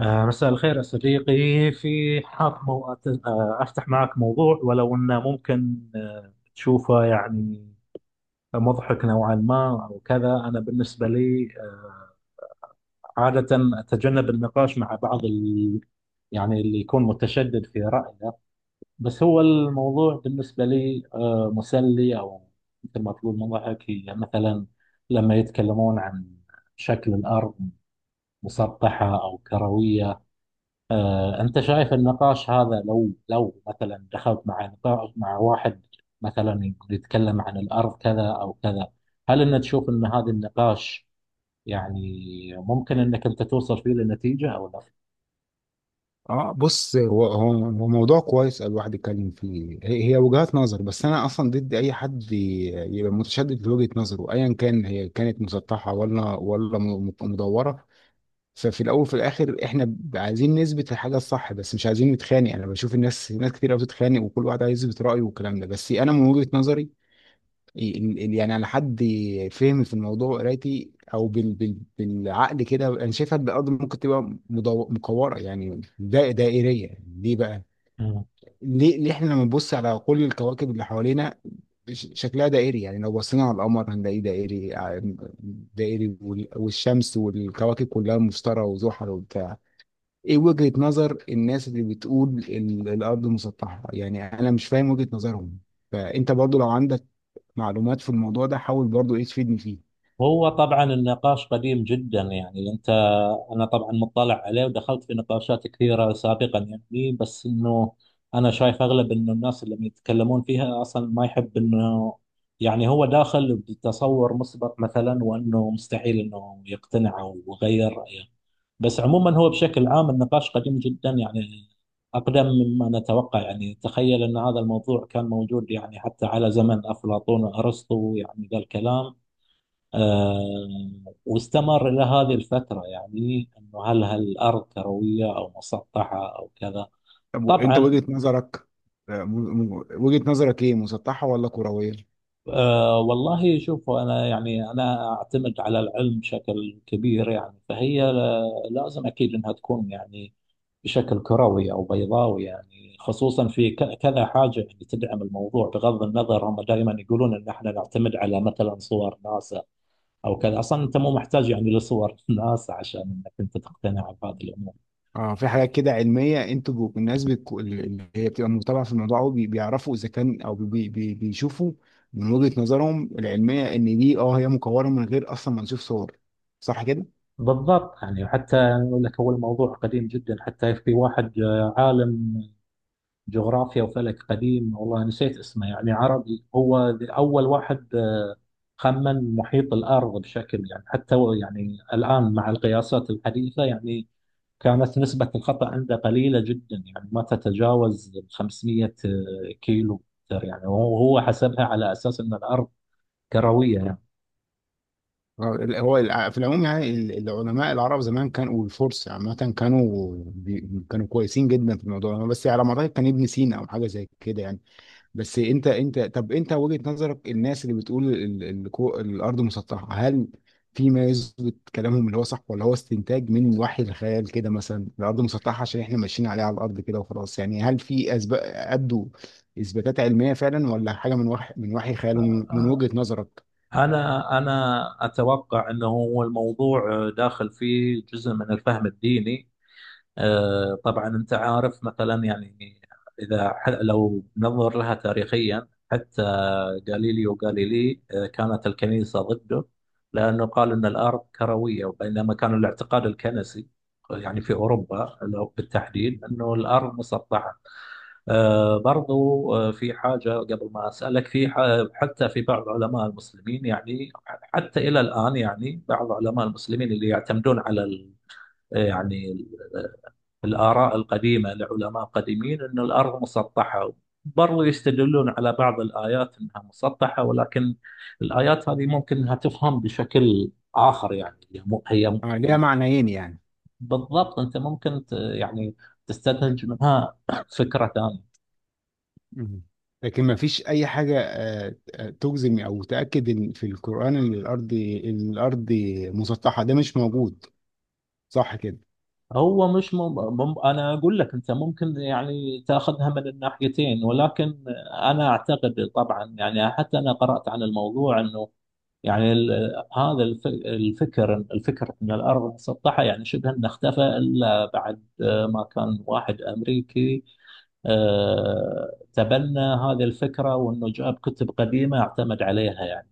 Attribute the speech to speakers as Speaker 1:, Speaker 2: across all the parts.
Speaker 1: مساء الخير يا صديقي. في حاب مو... أت- آه، أفتح معك موضوع، ولو أنه ممكن تشوفه، يعني مضحك نوعا ما أو كذا. أنا بالنسبة لي عادة أتجنب النقاش مع بعض يعني اللي يكون متشدد في رأيه. بس هو الموضوع بالنسبة لي مسلي، أو مثل ما تقول مضحك، هي مثلا لما يتكلمون عن شكل الأرض، مسطحة أو كروية. أنت شايف النقاش هذا، لو مثلا دخلت مع نقاش مع واحد مثلا يتكلم عن الأرض كذا أو كذا، هل أنت تشوف أن هذا النقاش يعني ممكن أنك أنت توصل فيه لنتيجة أو
Speaker 2: اه بص، هو موضوع كويس الواحد يتكلم فيه، هي وجهات نظر. بس انا اصلا ضد اي حد يبقى متشدد لوجهة نظره ايا كان هي كانت مسطحة ولا مدورة. ففي الاول وفي الاخر احنا عايزين نثبت الحاجة الصح بس مش عايزين نتخانق. انا بشوف ناس كتير قوي بتتخانق وكل واحد عايز يثبت رأيه والكلام ده، بس انا من وجهة نظري يعني على حد فهمي في الموضوع وقرايتي او بالعقل كده، انا شايفها بجد ممكن تبقى مكوره، يعني دا دائريه. ليه بقى؟
Speaker 1: لا؟
Speaker 2: ليه احنا لما نبص على كل الكواكب اللي حوالينا شكلها دائري، يعني لو بصينا على القمر هنلاقيه دائري، دائري، والشمس والكواكب كلها، مشتري وزحل وبتاع. ايه وجهة نظر الناس اللي بتقول الارض مسطحة؟ يعني انا مش فاهم وجهة نظرهم. فانت برضو لو عندك معلومات في الموضوع ده حاول برضو ايه تفيدني فيه.
Speaker 1: هو طبعا النقاش قديم جدا، يعني انت، انا طبعا مطلع عليه ودخلت في نقاشات كثيره سابقا، يعني بس انه انا شايف اغلب، انه الناس اللي يتكلمون فيها اصلا ما يحب، انه يعني هو داخل بتصور مسبق مثلا، وانه مستحيل انه يقتنع او يغير رايه. بس عموما هو بشكل عام النقاش قديم جدا، يعني اقدم مما نتوقع. يعني تخيل ان هذا الموضوع كان موجود يعني حتى على زمن افلاطون وارسطو، يعني ذا الكلام آه واستمر إلى هذه الفترة، يعني أنه هل الأرض كروية أو مسطحة أو كذا.
Speaker 2: طب انت
Speaker 1: طبعا
Speaker 2: وجهة نظرك، وجهة نظرك ايه، مسطحة ولا كروية؟
Speaker 1: والله شوف، أنا يعني أنا أعتمد على العلم بشكل كبير، يعني فهي لازم أكيد أنها تكون يعني بشكل كروي أو بيضاوي، يعني خصوصا في كذا حاجة يعني تدعم الموضوع، بغض النظر. هم دائما يقولون أن احنا نعتمد على مثلا صور ناسا أو كذا. أصلا أنت مو محتاج يعني لصور ناسا عشان أنك أنت تقتنع بهذه الأمور.
Speaker 2: اه في حاجات كده علمية، الناس اللي هي بتبقى متابعة في الموضوع أوي بيعرفوا اذا كان او بي بي بيشوفوا من وجهة نظرهم العلمية ان دي هي مكورة من غير اصلا ما نشوف صور، صح كده؟
Speaker 1: بالضبط، يعني وحتى أقول لك هو الموضوع قديم جدا. حتى في واحد عالم جغرافيا وفلك قديم، والله نسيت اسمه، يعني عربي، هو أول واحد خمن محيط الأرض، بشكل يعني حتى هو يعني الآن مع القياسات الحديثة يعني كانت نسبة الخطأ عنده قليلة جدا، يعني ما تتجاوز 500 كيلو متر، يعني. وهو حسبها على أساس أن الأرض كروية يعني.
Speaker 2: هو في العموم يعني العلماء العرب زمان كانوا، والفرس عامة، كانوا كويسين جدا في الموضوع ده، بس على ما اعتقد كان ابن سينا او حاجة زي كده يعني. بس انت انت طب انت وجهة نظرك، الناس اللي بتقول الارض مسطحة، هل في ما يثبت كلامهم اللي هو صح، ولا هو استنتاج من وحي الخيال كده، مثلا الارض مسطحة عشان احنا ماشيين عليها على الارض كده وخلاص؟ يعني هل في اسباب ادوا اثباتات علمية فعلا ولا حاجة من وحي
Speaker 1: آه،
Speaker 2: خيالهم من
Speaker 1: آه،
Speaker 2: وجهة نظرك؟
Speaker 1: أنا أتوقع أنه هو الموضوع داخل فيه جزء من الفهم الديني. طبعا أنت عارف مثلا، يعني إذا لو ننظر لها تاريخيا، حتى غاليليو غاليلي كانت الكنيسة ضده لأنه قال أن الأرض كروية، بينما كان الاعتقاد الكنسي يعني في أوروبا بالتحديد
Speaker 2: مم.
Speaker 1: أنه الأرض مسطحة. برضو في حاجة قبل ما أسألك في حتى في بعض علماء المسلمين، يعني حتى إلى الآن يعني بعض علماء المسلمين اللي يعتمدون على يعني الآراء القديمة لعلماء قديمين أن الأرض مسطحة. برضو يستدلون على بعض الآيات أنها مسطحة، ولكن الآيات هذه ممكن أنها تفهم بشكل آخر، يعني
Speaker 2: ليها معنيين يعني.
Speaker 1: بالضبط أنت ممكن يعني تستنتج منها فكرة ثانية.
Speaker 2: مم. لكن ما فيش اي حاجه تجزم او تاكد ان في القران ان الارض إن الارض مسطحه، ده مش موجود، صح كده؟
Speaker 1: هو مش انا اقول لك، انت ممكن يعني تاخذها من الناحيتين، ولكن انا اعتقد طبعا يعني، حتى انا قرات عن الموضوع، انه يعني هذا الفكر ان الارض مسطحه، يعني شبه انه اختفى الا بعد ما كان واحد امريكي تبنى هذه الفكره، وانه جاب كتب قديمه اعتمد عليها يعني.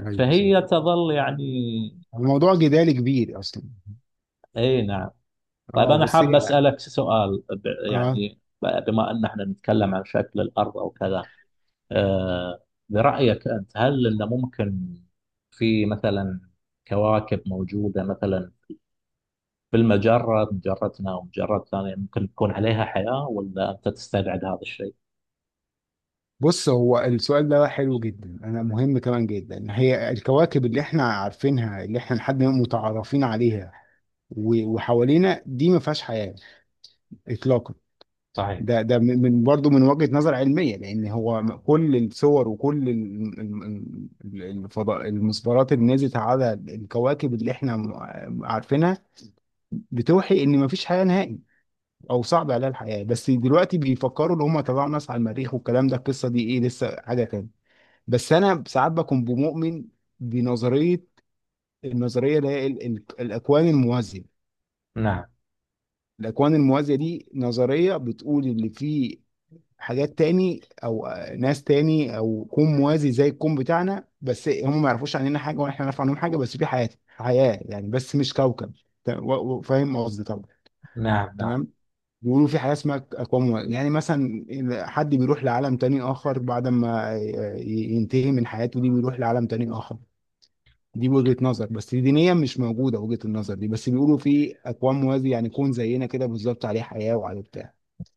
Speaker 2: ايوه صح.
Speaker 1: فهي تظل يعني.
Speaker 2: الموضوع جدال كبير اصلا.
Speaker 1: اي نعم. طيب
Speaker 2: اه
Speaker 1: أنا
Speaker 2: بس.
Speaker 1: حاب أسألك سؤال
Speaker 2: اه
Speaker 1: بما أن احنا نتكلم عن شكل الأرض أو كذا، آه، برأيك أنت، هل أنه ممكن في مثلا كواكب موجودة مثلا في المجرة، مجرتنا ومجرات ثانية، ممكن تكون عليها حياة، ولا أنت تستبعد هذا الشيء؟
Speaker 2: بص، هو السؤال ده حلو جدا انا، مهم كمان جدا. هي الكواكب اللي احنا عارفينها، اللي احنا لحد ما متعرفين عليها وحوالينا دي، ما فيهاش حياه اطلاقا.
Speaker 1: صحيح.
Speaker 2: ده برضه من وجهة نظر علمية، لأن هو كل الصور وكل الفضاء، المسبارات اللي نزلت على الكواكب اللي احنا عارفينها، بتوحي إن مفيش حياة نهائي أو صعب عليها الحياة. بس دلوقتي بيفكروا إن هم طلعوا ناس على المريخ والكلام ده، القصة دي إيه، لسه حاجة تاني. بس أنا ساعات بكون بمؤمن بنظرية، النظرية اللي هي الأكوان الموازية.
Speaker 1: نعم،
Speaker 2: الأكوان الموازية دي نظرية بتقول اللي فيه حاجات تاني او ناس تاني او كون موازي زي الكون بتاعنا، بس هم ما يعرفوش عننا حاجه ولا احنا نعرف عنهم حاجه، بس في حياه يعني، بس مش كوكب. ت- و- فاهم قصدي طبعا؟
Speaker 1: نعم، نعم.
Speaker 2: تمام. بيقولوا في حياه اسمها اكوان يعني مثلا إذا حد بيروح لعالم تاني اخر بعد ما ينتهي من حياته دي بيروح لعالم تاني اخر. دي وجهه نظر بس دينيا مش موجوده وجهه النظر دي، بس بيقولوا في اكوان موازي، يعني كون زينا كده بالظبط، عليه حياه وعليه بتاع.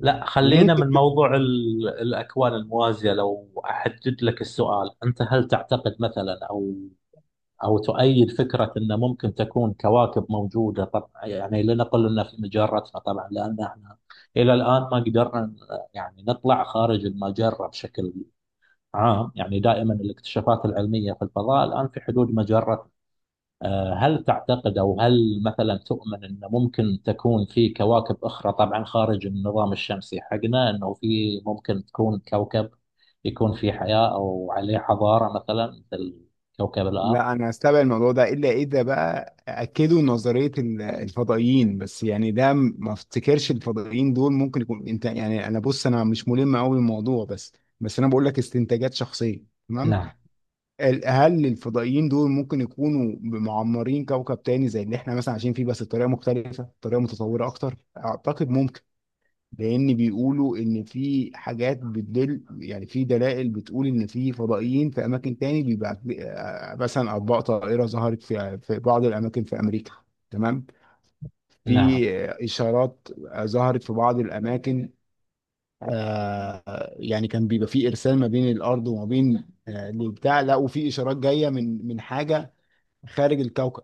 Speaker 1: لا، خلينا
Speaker 2: وممكن.
Speaker 1: من موضوع الأكوان الموازية. لو أحدد لك السؤال، أنت هل تعتقد مثلا، أو تؤيد فكرة أن ممكن تكون كواكب موجودة، طبعا يعني لنقل أن في مجرتنا، طبعا لأن احنا إلى الآن ما قدرنا يعني نطلع خارج المجرة بشكل عام، يعني دائما الاكتشافات العلمية في الفضاء الآن في حدود مجرة. هل تعتقد، أو هل مثلا تؤمن أن ممكن تكون في كواكب أخرى، طبعا خارج النظام الشمسي حقنا، أنه في ممكن تكون كوكب يكون في حياة أو عليه حضارة، مثلا مثل كوكب الأرض؟
Speaker 2: لا، انا استبعد الموضوع ده الا اذا بقى اكدوا نظريه الفضائيين. بس يعني ده ما افتكرش الفضائيين دول ممكن يكون انت يعني، انا بص انا مش ملم قوي بالموضوع، بس انا بقول لك استنتاجات شخصيه. تمام.
Speaker 1: نعم،
Speaker 2: هل الفضائيين دول ممكن يكونوا معمرين كوكب تاني زي اللي احنا مثلا عايشين فيه بس بطريقه مختلفه، بطريقه متطوره اكتر؟ اعتقد ممكن. لان بيقولوا ان في حاجات بتدل، يعني في دلائل بتقول ان في فضائيين في اماكن تاني، بيبقى مثلا اطباق طائره ظهرت في بعض الاماكن في امريكا. تمام.
Speaker 1: نعم،
Speaker 2: في اشارات ظهرت في بعض الاماكن. يعني كان بيبقى في ارسال ما بين الارض وما بين البتاع، لقوا في اشارات جايه من حاجه خارج الكوكب،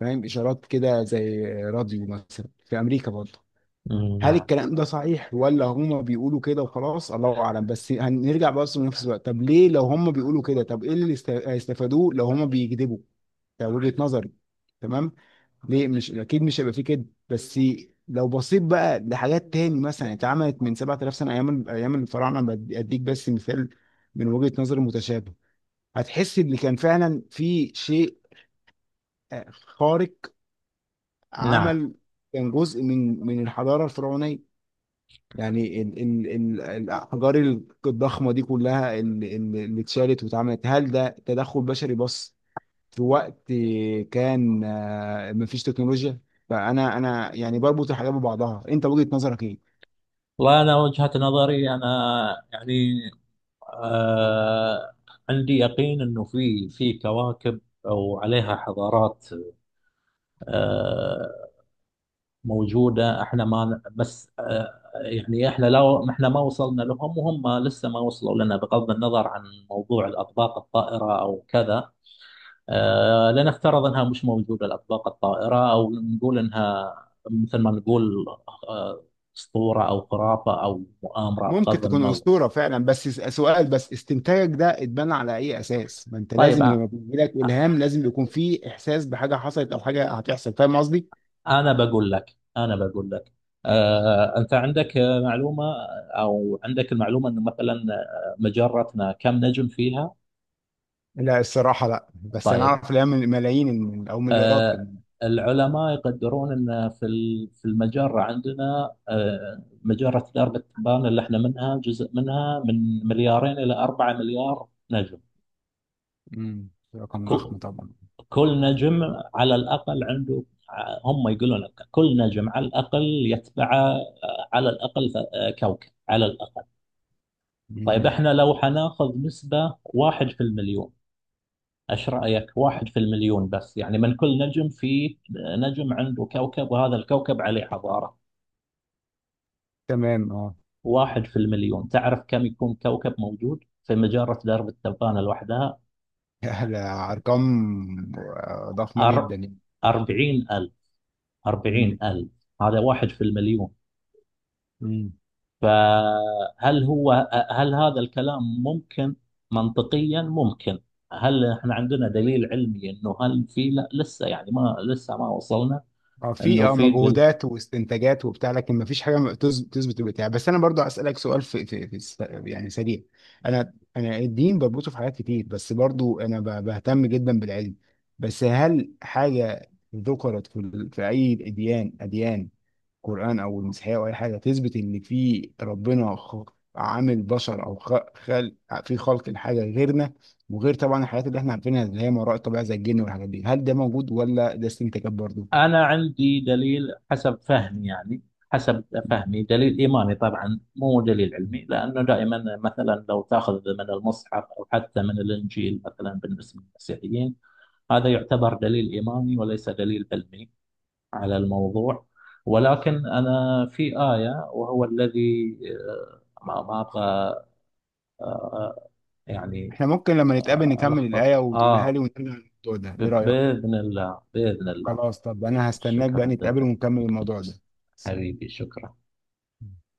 Speaker 2: فاهم، اشارات كده زي راديو مثلا في امريكا برضه. هل
Speaker 1: نعم،
Speaker 2: الكلام ده صحيح ولا هما بيقولوا كده وخلاص؟ الله اعلم. بس هنرجع بس لنفس الوقت، طب ليه لو هما بيقولوا كده، طب ايه اللي هيستفادوه لو هما بيكذبوا؟ ده وجهة نظري. تمام. ليه مش اكيد مش هيبقى فيه كده؟ بس لو بصيت بقى لحاجات تاني مثلا اتعملت من 7000 سنه، ايام الفراعنه، اديك بس مثال من وجهه نظر متشابه، هتحس ان كان فعلا في شيء خارق
Speaker 1: نعم.
Speaker 2: عمل، كان جزء من الحضاره الفرعونيه، يعني ال ال ال الأحجار الضخمة دي كلها اللي اتشالت واتعملت، هل ده تدخل بشري بس في وقت كان مفيش تكنولوجيا؟ فأنا، أنا يعني بربط الحاجات ببعضها، أنت وجهة نظرك إيه؟
Speaker 1: وأنا وجهة نظري، أنا يعني آه عندي يقين أنه في كواكب أو عليها حضارات آه موجودة، احنا ما، بس يعني احنا، لو ما وصلنا لهم وهم لسه ما وصلوا لنا، بغض النظر عن موضوع الأطباق الطائرة أو كذا. لنفترض انها مش موجوده الاطباق الطائره، او نقول انها مثل ما نقول آه، اسطوره، او خرافه، او مؤامره،
Speaker 2: ممكن
Speaker 1: بغض
Speaker 2: تكون
Speaker 1: النظر.
Speaker 2: أسطورة فعلا بس سؤال، بس استنتاجك ده اتبنى على أي أساس؟ ما أنت
Speaker 1: طيب
Speaker 2: لازم لما بيجي لك إلهام لازم يكون فيه إحساس بحاجة حصلت أو حاجة هتحصل، فاهم قصدي؟
Speaker 1: انا بقول لك، انت عندك معلومه، او عندك المعلومه انه مثلا مجرتنا كم نجم فيها؟
Speaker 2: لا الصراحة لا، بس أنا
Speaker 1: طيب.
Speaker 2: أعرف الإلهام ملايين أو مليارات
Speaker 1: آه،
Speaker 2: كمان.
Speaker 1: العلماء يقدرون ان في في المجره عندنا مجره درب التبانه اللي احنا منها، جزء منها، من 2 الى 4 مليار نجم.
Speaker 2: امم. رقم ضخم
Speaker 1: ك-
Speaker 2: طبعا.
Speaker 1: كل نجم على الاقل هم يقولون لك كل نجم على الاقل يتبعه على الاقل كوكب على الاقل. طيب
Speaker 2: مم.
Speaker 1: احنا لو حناخذ نسبه واحد في المليون، ايش رايك واحد في المليون بس، يعني من كل نجم في نجم عنده كوكب، وهذا الكوكب عليه حضاره.
Speaker 2: تمام. اه.
Speaker 1: واحد في المليون، تعرف كم يكون كوكب موجود في مجرة درب التبانة لوحدها؟
Speaker 2: لا، ارقام ضخمه
Speaker 1: أر...
Speaker 2: جدا يعني.
Speaker 1: أربعين ألف أربعين
Speaker 2: مم.
Speaker 1: ألف هذا واحد في المليون.
Speaker 2: مم.
Speaker 1: فهل هو هل هذا الكلام ممكن، منطقيا ممكن؟ هل احنا عندنا دليل علمي انه هل في؟ لا، لسه ما ما وصلنا،
Speaker 2: اه في
Speaker 1: انه في.
Speaker 2: مجهودات واستنتاجات وبتاع، لكن ما فيش حاجه تثبت البتاع. بس انا برضو اسالك سؤال يعني سريع. انا الدين بربطه في حاجات كتير، بس برضو انا بهتم جدا بالعلم. بس هل حاجه ذكرت في اي اديان، قرآن أو المسيحية أو أي حاجة، تثبت إن في ربنا عامل بشر أو خلق في خلق الحاجة غيرنا، وغير طبعا الحاجات اللي إحنا عارفينها اللي هي ما وراء الطبيعة زي الجن والحاجات دي، هل ده موجود ولا ده استنتاجات برضه؟
Speaker 1: أنا عندي دليل حسب فهمي دليل إيماني، طبعا مو دليل علمي، لأنه دائما مثلا لو تأخذ من المصحف أو حتى من الإنجيل، مثلا بالنسبة للمسيحيين، هذا يعتبر دليل إيماني وليس دليل علمي على الموضوع. ولكن أنا في آية، وهو الذي ما أبغى آه، يعني
Speaker 2: إحنا ممكن لما نتقابل نكمل
Speaker 1: ألخبط
Speaker 2: الآية وتقولها لي ونرجع للموضوع ده، إيه رأيك؟
Speaker 1: بإذن الله.
Speaker 2: خلاص. طب أنا هستناك بقى
Speaker 1: شكرا
Speaker 2: نتقابل
Speaker 1: جزيلا.
Speaker 2: ونكمل الموضوع ده. سلام.
Speaker 1: حبيبي، شكرا.